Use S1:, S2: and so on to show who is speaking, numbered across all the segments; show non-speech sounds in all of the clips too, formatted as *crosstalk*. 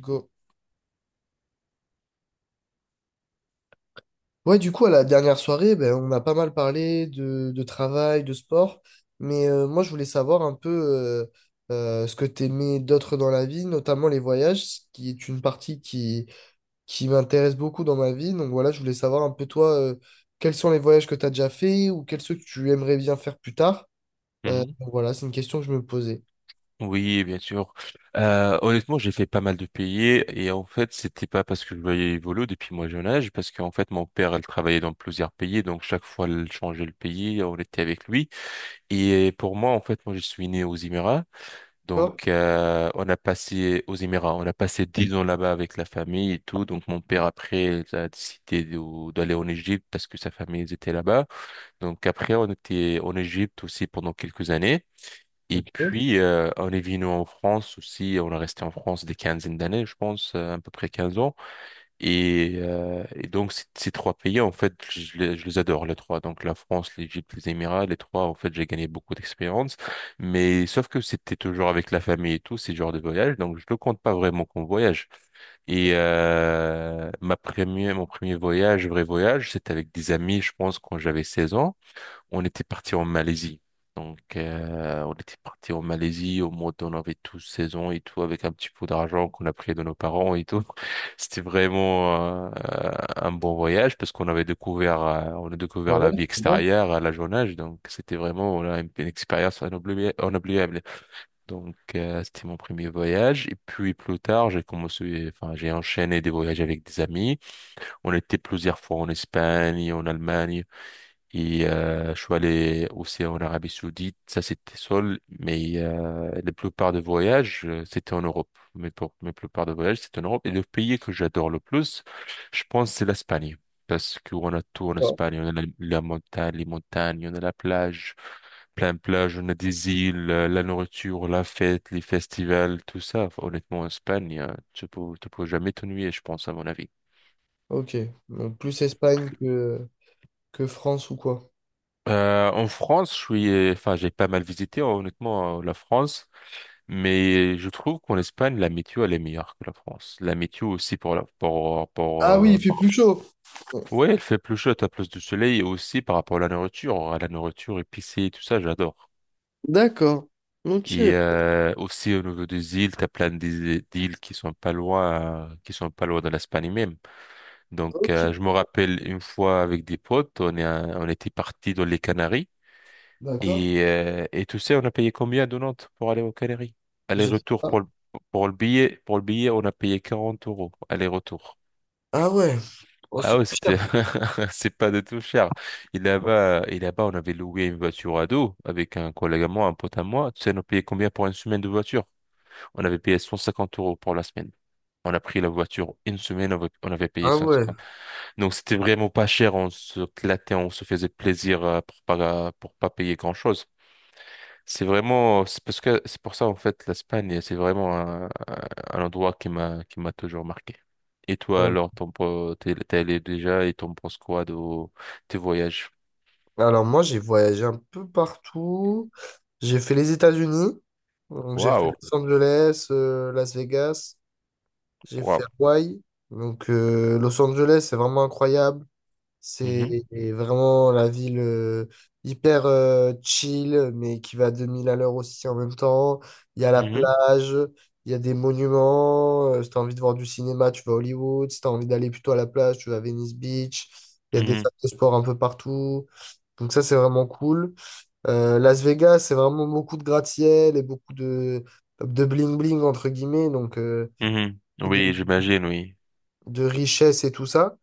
S1: Go. Ouais, du coup, à la dernière soirée, ben, on a pas mal parlé de travail, de sport, mais moi, je voulais savoir un peu ce que t'aimais d'autre dans la vie, notamment les voyages, ce qui est une partie qui m'intéresse beaucoup dans ma vie. Donc voilà, je voulais savoir un peu toi, quels sont les voyages que tu as déjà fait ou quels ceux que tu aimerais bien faire plus tard.
S2: Mhm.
S1: Donc voilà, c'est une question que je me posais.
S2: Oui, bien sûr. Honnêtement, j'ai fait pas mal de pays et en fait, c'était pas parce que je voyais évoluer depuis mon jeune âge, parce qu'en fait, mon père, elle travaillait dans plusieurs pays, donc chaque fois, elle changeait le pays, on était avec lui. Et pour moi, en fait, moi, je suis né aux Émirats,
S1: D'accord?
S2: donc on a passé aux Émirats, on a passé dix ans là-bas avec la famille et tout. Donc mon père après elle a décidé d'aller en Égypte parce que sa famille elle était là-bas. Donc après, on était en Égypte aussi pendant quelques années. Et
S1: Ok.
S2: puis, on est venu en France aussi, on est resté en France des quinzaines d'années, je pense, à peu près 15 ans. Et donc, ces trois pays, en fait, je les adore, les trois. Donc, la France, l'Égypte, les Émirats, les trois, en fait, j'ai gagné beaucoup d'expérience. Mais sauf que c'était toujours avec la famille et tout, ces genres de voyage, donc je ne le compte pas vraiment comme voyage. Et mon premier voyage, vrai voyage, c'était avec des amis, je pense, quand j'avais 16 ans. On était parti en Malaisie. Donc, on était parti en Malaisie au mois on avait tous seize ans et tout, avec un petit peu d'argent qu'on a pris de nos parents et tout. *laughs* C'était vraiment un bon voyage parce qu'on a
S1: Ah
S2: découvert
S1: ouais,
S2: la vie
S1: c'est bien.
S2: extérieure à la jeune âge. Donc, c'était vraiment voilà, une expérience inoubliable. Donc, c'était mon premier voyage. Et puis, plus tard, j'ai commencé, enfin, j'ai enchaîné des voyages avec des amis. On était plusieurs fois en Espagne, en Allemagne. Et je suis allé aussi en Arabie Saoudite, ça c'était seul, mais la plupart des voyages, c'était en Europe. Mais pour la plupart des voyages, c'était en Europe. Et le pays que j'adore le plus, je pense, c'est l'Espagne. Parce qu'on a tout en
S1: Ah.
S2: Espagne. On a la montagne, les montagnes, on a la plage, plein de plages, on a des îles, la nourriture, la fête, les festivals, tout ça. Enfin, honnêtement, en Espagne, tu peux jamais t'ennuyer, je pense, à mon avis.
S1: Ok. Donc plus Espagne que France ou quoi?
S2: En France, je suis, enfin, j'ai pas mal visité, honnêtement, la France. Mais je trouve qu'en Espagne, la météo, elle est meilleure que la France. La météo aussi pour la,
S1: Ah oui, il fait plus chaud.
S2: Ouais, elle fait plus chaud, t'as plus de soleil et aussi par rapport à la nourriture épicée, tout ça, j'adore.
S1: D'accord. Ok.
S2: Et aussi au niveau des îles, t'as plein d'îles qui sont pas loin, qui sont pas loin de l'Espagne même. Donc,
S1: Ok.
S2: je me rappelle une fois avec des potes, on était partis dans les Canaries.
S1: D'accord?
S2: Et tu sais, on a payé combien de Nantes pour aller aux Canaries?
S1: Je-
S2: Aller-retour
S1: Ah,
S2: pour le billet, on a payé 40 euros. Aller-retour.
S1: ah ouais. Oh,
S2: Ah
S1: c'est-
S2: ouais, c'était, *laughs* c'est pas du tout cher. Et là-bas, on avait loué une voiture à dos avec un collègue à moi, un pote à moi. Tu sais, on a payé combien pour une semaine de voiture? On avait payé 150 € pour la semaine. On a pris la voiture une semaine, on avait payé
S1: ah ouais.
S2: 150. Donc c'était vraiment pas cher, on se clatait, on se faisait plaisir pour pas payer grand-chose. C'est vraiment, c'est parce que c'est pour ça en fait l'Espagne, c'est vraiment un, endroit qui m'a toujours marqué. Et toi
S1: Euh,
S2: alors, t'es allé déjà et t'en penses quoi de tes voyages?
S1: Alors moi, j'ai voyagé un peu partout. J'ai fait les États-Unis. Donc j'ai fait
S2: Waouh,
S1: Los Angeles, Las Vegas. J'ai fait
S2: waouh.
S1: Hawaï. Donc Los Angeles, c'est vraiment incroyable.
S2: Mhm,
S1: C'est vraiment la ville hyper chill, mais qui va à 2000 à l'heure aussi en même temps. Il y a la
S2: mhm,
S1: plage, il y a des monuments. Si t'as envie de voir du cinéma, tu vas à Hollywood. Si t'as envie d'aller plutôt à la plage, tu vas à Venice Beach. Il y a des
S2: mhm,
S1: salles de sport un peu partout. Donc ça, c'est vraiment cool. Las Vegas, c'est vraiment beaucoup de gratte-ciel et beaucoup de bling-bling, entre guillemets. Donc,
S2: mhm.
S1: beaucoup
S2: Oui, j'imagine, oui.
S1: de richesse et tout ça.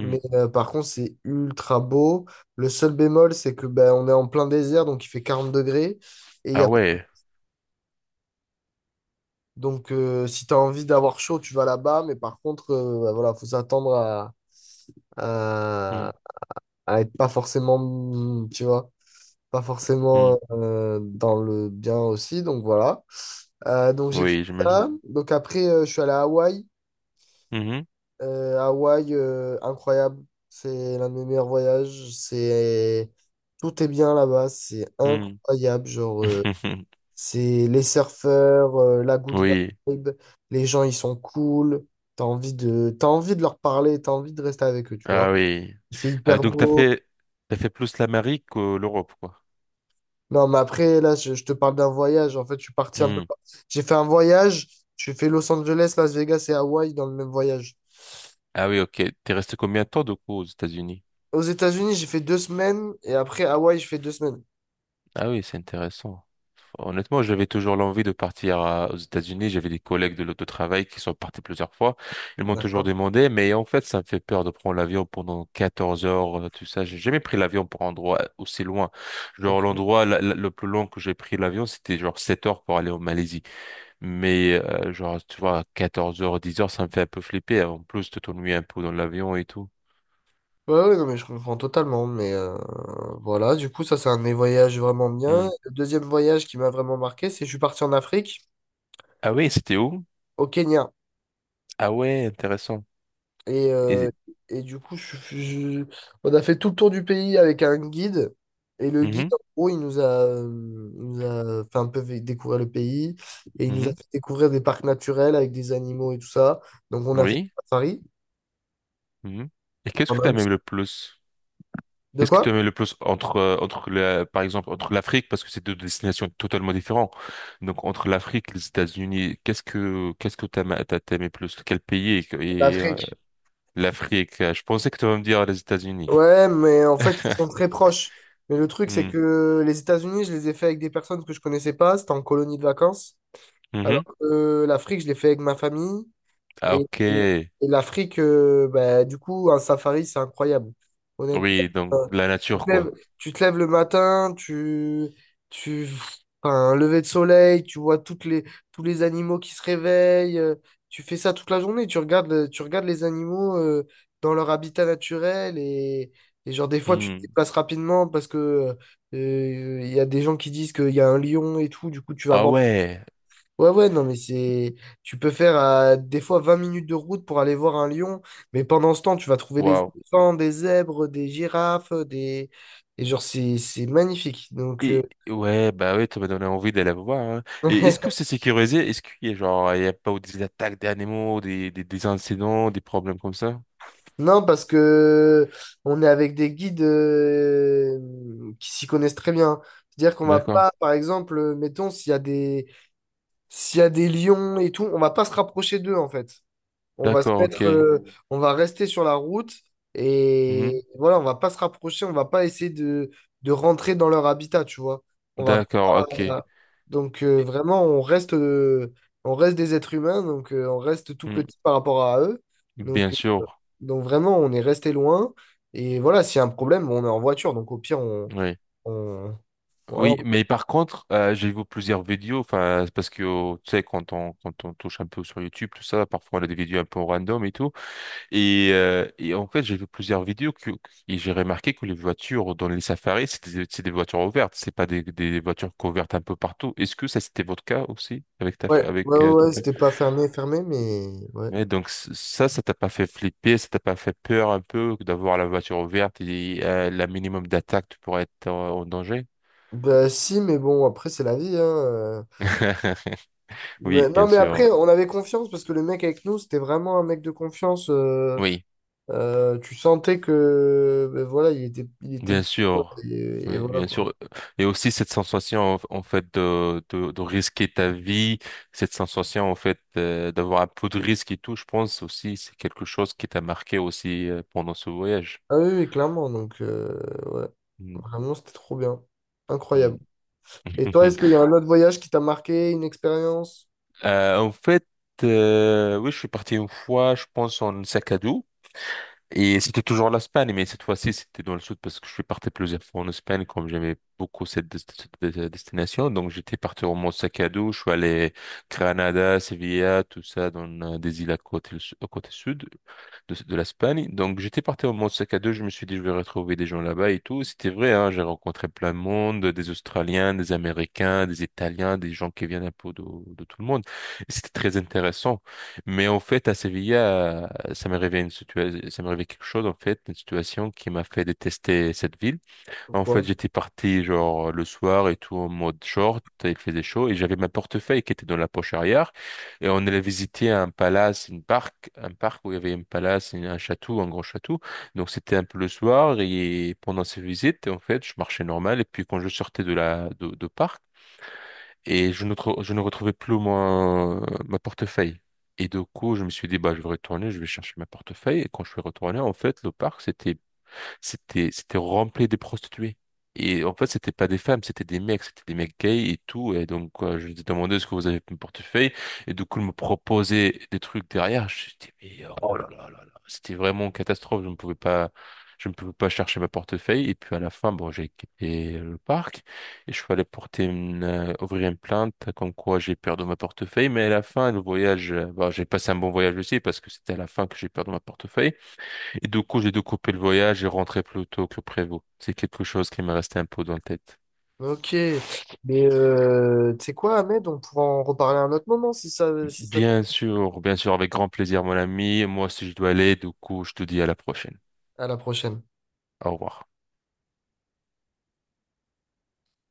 S1: Mais par contre, c'est ultra beau. Le seul bémol, c'est que ben, on est en plein désert, donc il fait 40 degrés. Et il y
S2: Ah
S1: a...
S2: ouais.
S1: Donc, si tu as envie d'avoir chaud, tu vas là-bas. Mais par contre, ben, voilà, faut s'attendre à...
S2: Mhm,
S1: à être pas forcément, tu vois, pas
S2: mhm.
S1: forcément dans le bien aussi. Donc, voilà. Donc, j'ai fait
S2: Oui, j'imagine.
S1: ça. Donc, après, je suis allé à Hawaï.
S2: Mhm,
S1: Hawaï, incroyable. C'est l'un de mes meilleurs voyages. C'est... Tout est bien là-bas. C'est
S2: mhm.
S1: incroyable. Genre,
S2: *laughs*
S1: c'est les surfeurs, la good
S2: Oui,
S1: vibe. Les gens, ils sont cool. T'as envie de leur parler. T'as envie de rester avec eux, tu
S2: ah
S1: vois.
S2: oui.
S1: Il fait
S2: Ah,
S1: hyper
S2: donc t'as
S1: beau.
S2: fait plus l'Amérique que l'Europe, quoi.
S1: Non, mais après, là, je te parle d'un voyage. En fait, je suis parti un peu...
S2: Mhm.
S1: J'ai fait un voyage. J'ai fait Los Angeles, Las Vegas et Hawaï dans le même voyage.
S2: Ah oui, ok. T'es resté combien de temps du coup aux États-Unis?
S1: Aux États-Unis, j'ai fait 2 semaines. Et après, Hawaï, je fais 2 semaines.
S2: Ah oui, c'est intéressant. Honnêtement, j'avais toujours l'envie de partir aux États-Unis. J'avais des collègues de l'autotravail qui sont partis plusieurs fois. Ils m'ont toujours
S1: D'accord.
S2: demandé, mais en fait, ça me fait peur de prendre l'avion pendant 14 heures, tout ça. J'ai jamais pris l'avion pour un endroit aussi loin. Genre,
S1: Ok.
S2: l'endroit le plus long que j'ai pris l'avion, c'était genre 7 heures pour aller en Malaisie. Mais, genre, tu vois, 14 heures, 10 heures, ça me fait un peu flipper. Hein, en plus, tu t'ennuies un peu dans l'avion et tout.
S1: Ouais, ouais, non, mais je comprends totalement. Mais voilà, du coup, ça, c'est un de mes voyages vraiment bien.
S2: Hmm.
S1: Le deuxième voyage qui m'a vraiment marqué, c'est que je suis parti en Afrique,
S2: Ah oui, c'était où?
S1: au Kenya.
S2: Ah ouais, intéressant.
S1: Et, euh,
S2: Et...
S1: et du coup, on a fait tout le tour du pays avec un guide. Et le guide,
S2: Mhm,
S1: en gros, il nous a fait un peu découvrir le pays. Et il nous a
S2: mhm.
S1: fait découvrir des parcs naturels avec des animaux et tout ça. Donc, on a fait des
S2: Oui.
S1: safaris.
S2: Mhm. Et qu'est-ce
S1: On
S2: que tu
S1: a aussi-
S2: aimes le plus?
S1: De
S2: Qu'est-ce que tu
S1: quoi?
S2: aimes le plus entre, entre la, par exemple, entre l'Afrique, parce que c'est deux destinations totalement différentes. Donc, entre l'Afrique et les États-Unis, qu'est-ce que t'aimais plus? Quel pays et, et, euh,
S1: L'Afrique.
S2: l'Afrique? Je pensais que tu vas me dire les États-Unis.
S1: Ouais, mais en fait, ils sont très proches. Mais le truc, c'est
S2: Hmm.
S1: que les États-Unis, je les ai fait avec des personnes que je connaissais pas. C'était en colonie de vacances.
S2: Mhm.
S1: Alors que l'Afrique, je l'ai fait avec ma famille.
S2: Ah,
S1: Et,
S2: ok.
S1: et- et l'Afrique, bah, du coup, un safari, c'est incroyable. Honnêtement.
S2: Oui, donc, la
S1: Tu
S2: nature,
S1: te lèves,
S2: quoi.
S1: tu te lèves le matin, tu, enfin, un lever de soleil, tu vois tous les animaux qui se réveillent, tu fais ça toute la journée, tu regardes, tu regardes les animaux dans leur habitat naturel et genre des fois tu te
S2: Hmm.
S1: déplaces rapidement parce que il y a des gens qui disent qu'il y a un lion et tout, du coup tu vas
S2: Ah
S1: voir.
S2: ouais.
S1: Ouais, ouais, non, mais c'est. Tu peux faire des fois 20 minutes de route pour aller voir un lion, mais pendant ce temps, tu vas trouver des éléphants, des zèbres, des girafes, des. Et genre, c'est magnifique. Donc,
S2: Et ouais, bah ouais ça m'a donné envie d'aller voir. Hein. Et est-ce que
S1: *laughs*
S2: c'est sécurisé? Est-ce qu'il y a genre, il y a pas eu des attaques d'animaux, des incidents, des problèmes comme ça?
S1: non, parce que on est avec des guides qui s'y connaissent très bien. C'est-à-dire qu'on va
S2: D'accord.
S1: pas, par exemple, mettons, s'il y a des lions et tout, on va pas se rapprocher d'eux, en fait. On va se
S2: D'accord,
S1: mettre,
S2: ok.
S1: on va rester sur la route
S2: Mhm.
S1: et voilà, on va pas se rapprocher, on va pas essayer de rentrer dans leur habitat, tu vois. On va
S2: D'accord,
S1: pas-
S2: ok.
S1: Donc
S2: Et-
S1: vraiment, on reste des êtres humains, donc on reste tout
S2: hmm,
S1: petit par rapport à eux. Donc,
S2: Bien
S1: euh,
S2: sûr.
S1: donc vraiment, on est resté loin. Et voilà, s'il y a un problème, on est en voiture, donc au pire,
S2: Oui.
S1: on... voilà.
S2: Oui, mais par contre, j'ai vu plusieurs vidéos, enfin, c'est parce que, tu sais, quand on touche un peu sur YouTube, tout ça, parfois on a des vidéos un peu random et tout. Et en fait, j'ai vu plusieurs vidéos que, et j'ai remarqué que les voitures dans les safaris, c'est des voitures ouvertes, c'est pas des voitures couvertes un peu partout. Est-ce que ça, c'était votre cas aussi avec ta,
S1: Ouais, ouais,
S2: avec
S1: ouais,
S2: ta
S1: ouais,
S2: femme?
S1: c'était pas fermé, fermé, mais ouais.
S2: Ouais, donc ça, ça t'a pas fait flipper, ça t'a pas fait peur un peu d'avoir la voiture ouverte et la minimum d'attaque, tu pourrais être en danger?
S1: Bah si, mais bon, après, c'est la vie, hein.
S2: *laughs* Oui,
S1: Non,
S2: bien
S1: mais
S2: sûr.
S1: après, on avait confiance parce que le mec avec nous, c'était vraiment un mec de confiance.
S2: Oui.
S1: Tu sentais que, ben voilà, il était,
S2: Bien sûr,
S1: et
S2: oui,
S1: voilà
S2: bien
S1: quoi.
S2: sûr. Et aussi cette sensation en fait de risquer ta vie, cette sensation en fait d'avoir un peu de risque et tout, je pense aussi c'est quelque chose qui t'a marqué aussi pendant ce voyage.
S1: Ah oui, oui, clairement. Donc, ouais,
S2: Mm,
S1: vraiment, c'était trop bien.
S2: mm.
S1: Incroyable. Et toi, est-ce qu'il y a
S2: *laughs*
S1: un autre voyage qui t'a marqué, une expérience?
S2: En fait, oui, je suis parti une fois, je pense en sac à dos. Et c'était toujours l'Espagne, mais cette fois-ci, c'était dans le sud parce que je suis parti plusieurs fois en Espagne, comme j'aimais beaucoup cette destination. Donc, j'étais parti au Mont sac à dos, je suis allé Granada, Sevilla, tout ça, dans des îles à côté, au côté sud de, l'Espagne. Donc, j'étais parti en mode sac à deux. Je me suis dit, je vais retrouver des gens là-bas et tout. C'était vrai, hein, j'ai rencontré plein de monde, des Australiens, des Américains, des Italiens, des gens qui viennent un peu de tout le monde. Et c'était très intéressant. Mais en fait, à Séville, ça m'est arrivé une situation, ça m'est arrivé quelque chose, en fait, une situation qui m'a fait détester cette ville. En fait,
S1: Pourquoi?
S2: j'étais parti genre le soir et tout en mode short, il faisait chaud et j'avais ma portefeuille qui était dans la poche arrière et on allait visiter un palace, une parc, un parc où il y avait une palace, un château, un grand château. Donc c'était un peu le soir et pendant ces visites, en fait, je marchais normal et puis quand je sortais de la de parc et je ne trou- je ne retrouvais plus mon ma portefeuille. Et du coup, je me suis dit, bah, je vais retourner, je vais chercher ma portefeuille. Et quand je suis retourné, en fait, le parc, c'était rempli de prostituées. Et en fait, c'était pas des femmes, c'était des mecs gays et tout. Et donc, quoi, je lui ai demandé ce que vous avez mon portefeuille. Et du coup, ils me proposait des trucs derrière. Je dis, mais oh là là là là, c'était vraiment une catastrophe. Je ne pouvais pas, je ne pouvais pas chercher ma portefeuille. Et puis à la fin, bon, j'ai quitté le parc et je suis allé ouvrir une plainte comme quoi j'ai perdu ma portefeuille. Mais à la fin, le voyage, bon, j'ai passé un bon voyage aussi parce que c'était à la fin que j'ai perdu ma portefeuille. Et du coup, j'ai dû couper le voyage et rentrer plus tôt que prévu. C'est quelque chose qui m'est resté un peu dans la tête.
S1: Ok. Mais tu sais quoi, Ahmed, on pourra en reparler à un autre moment si ça te...
S2: Bien sûr, avec grand plaisir, mon ami. Moi aussi, je dois aller. Du coup, je te dis à la prochaine.
S1: À la prochaine.
S2: Au revoir.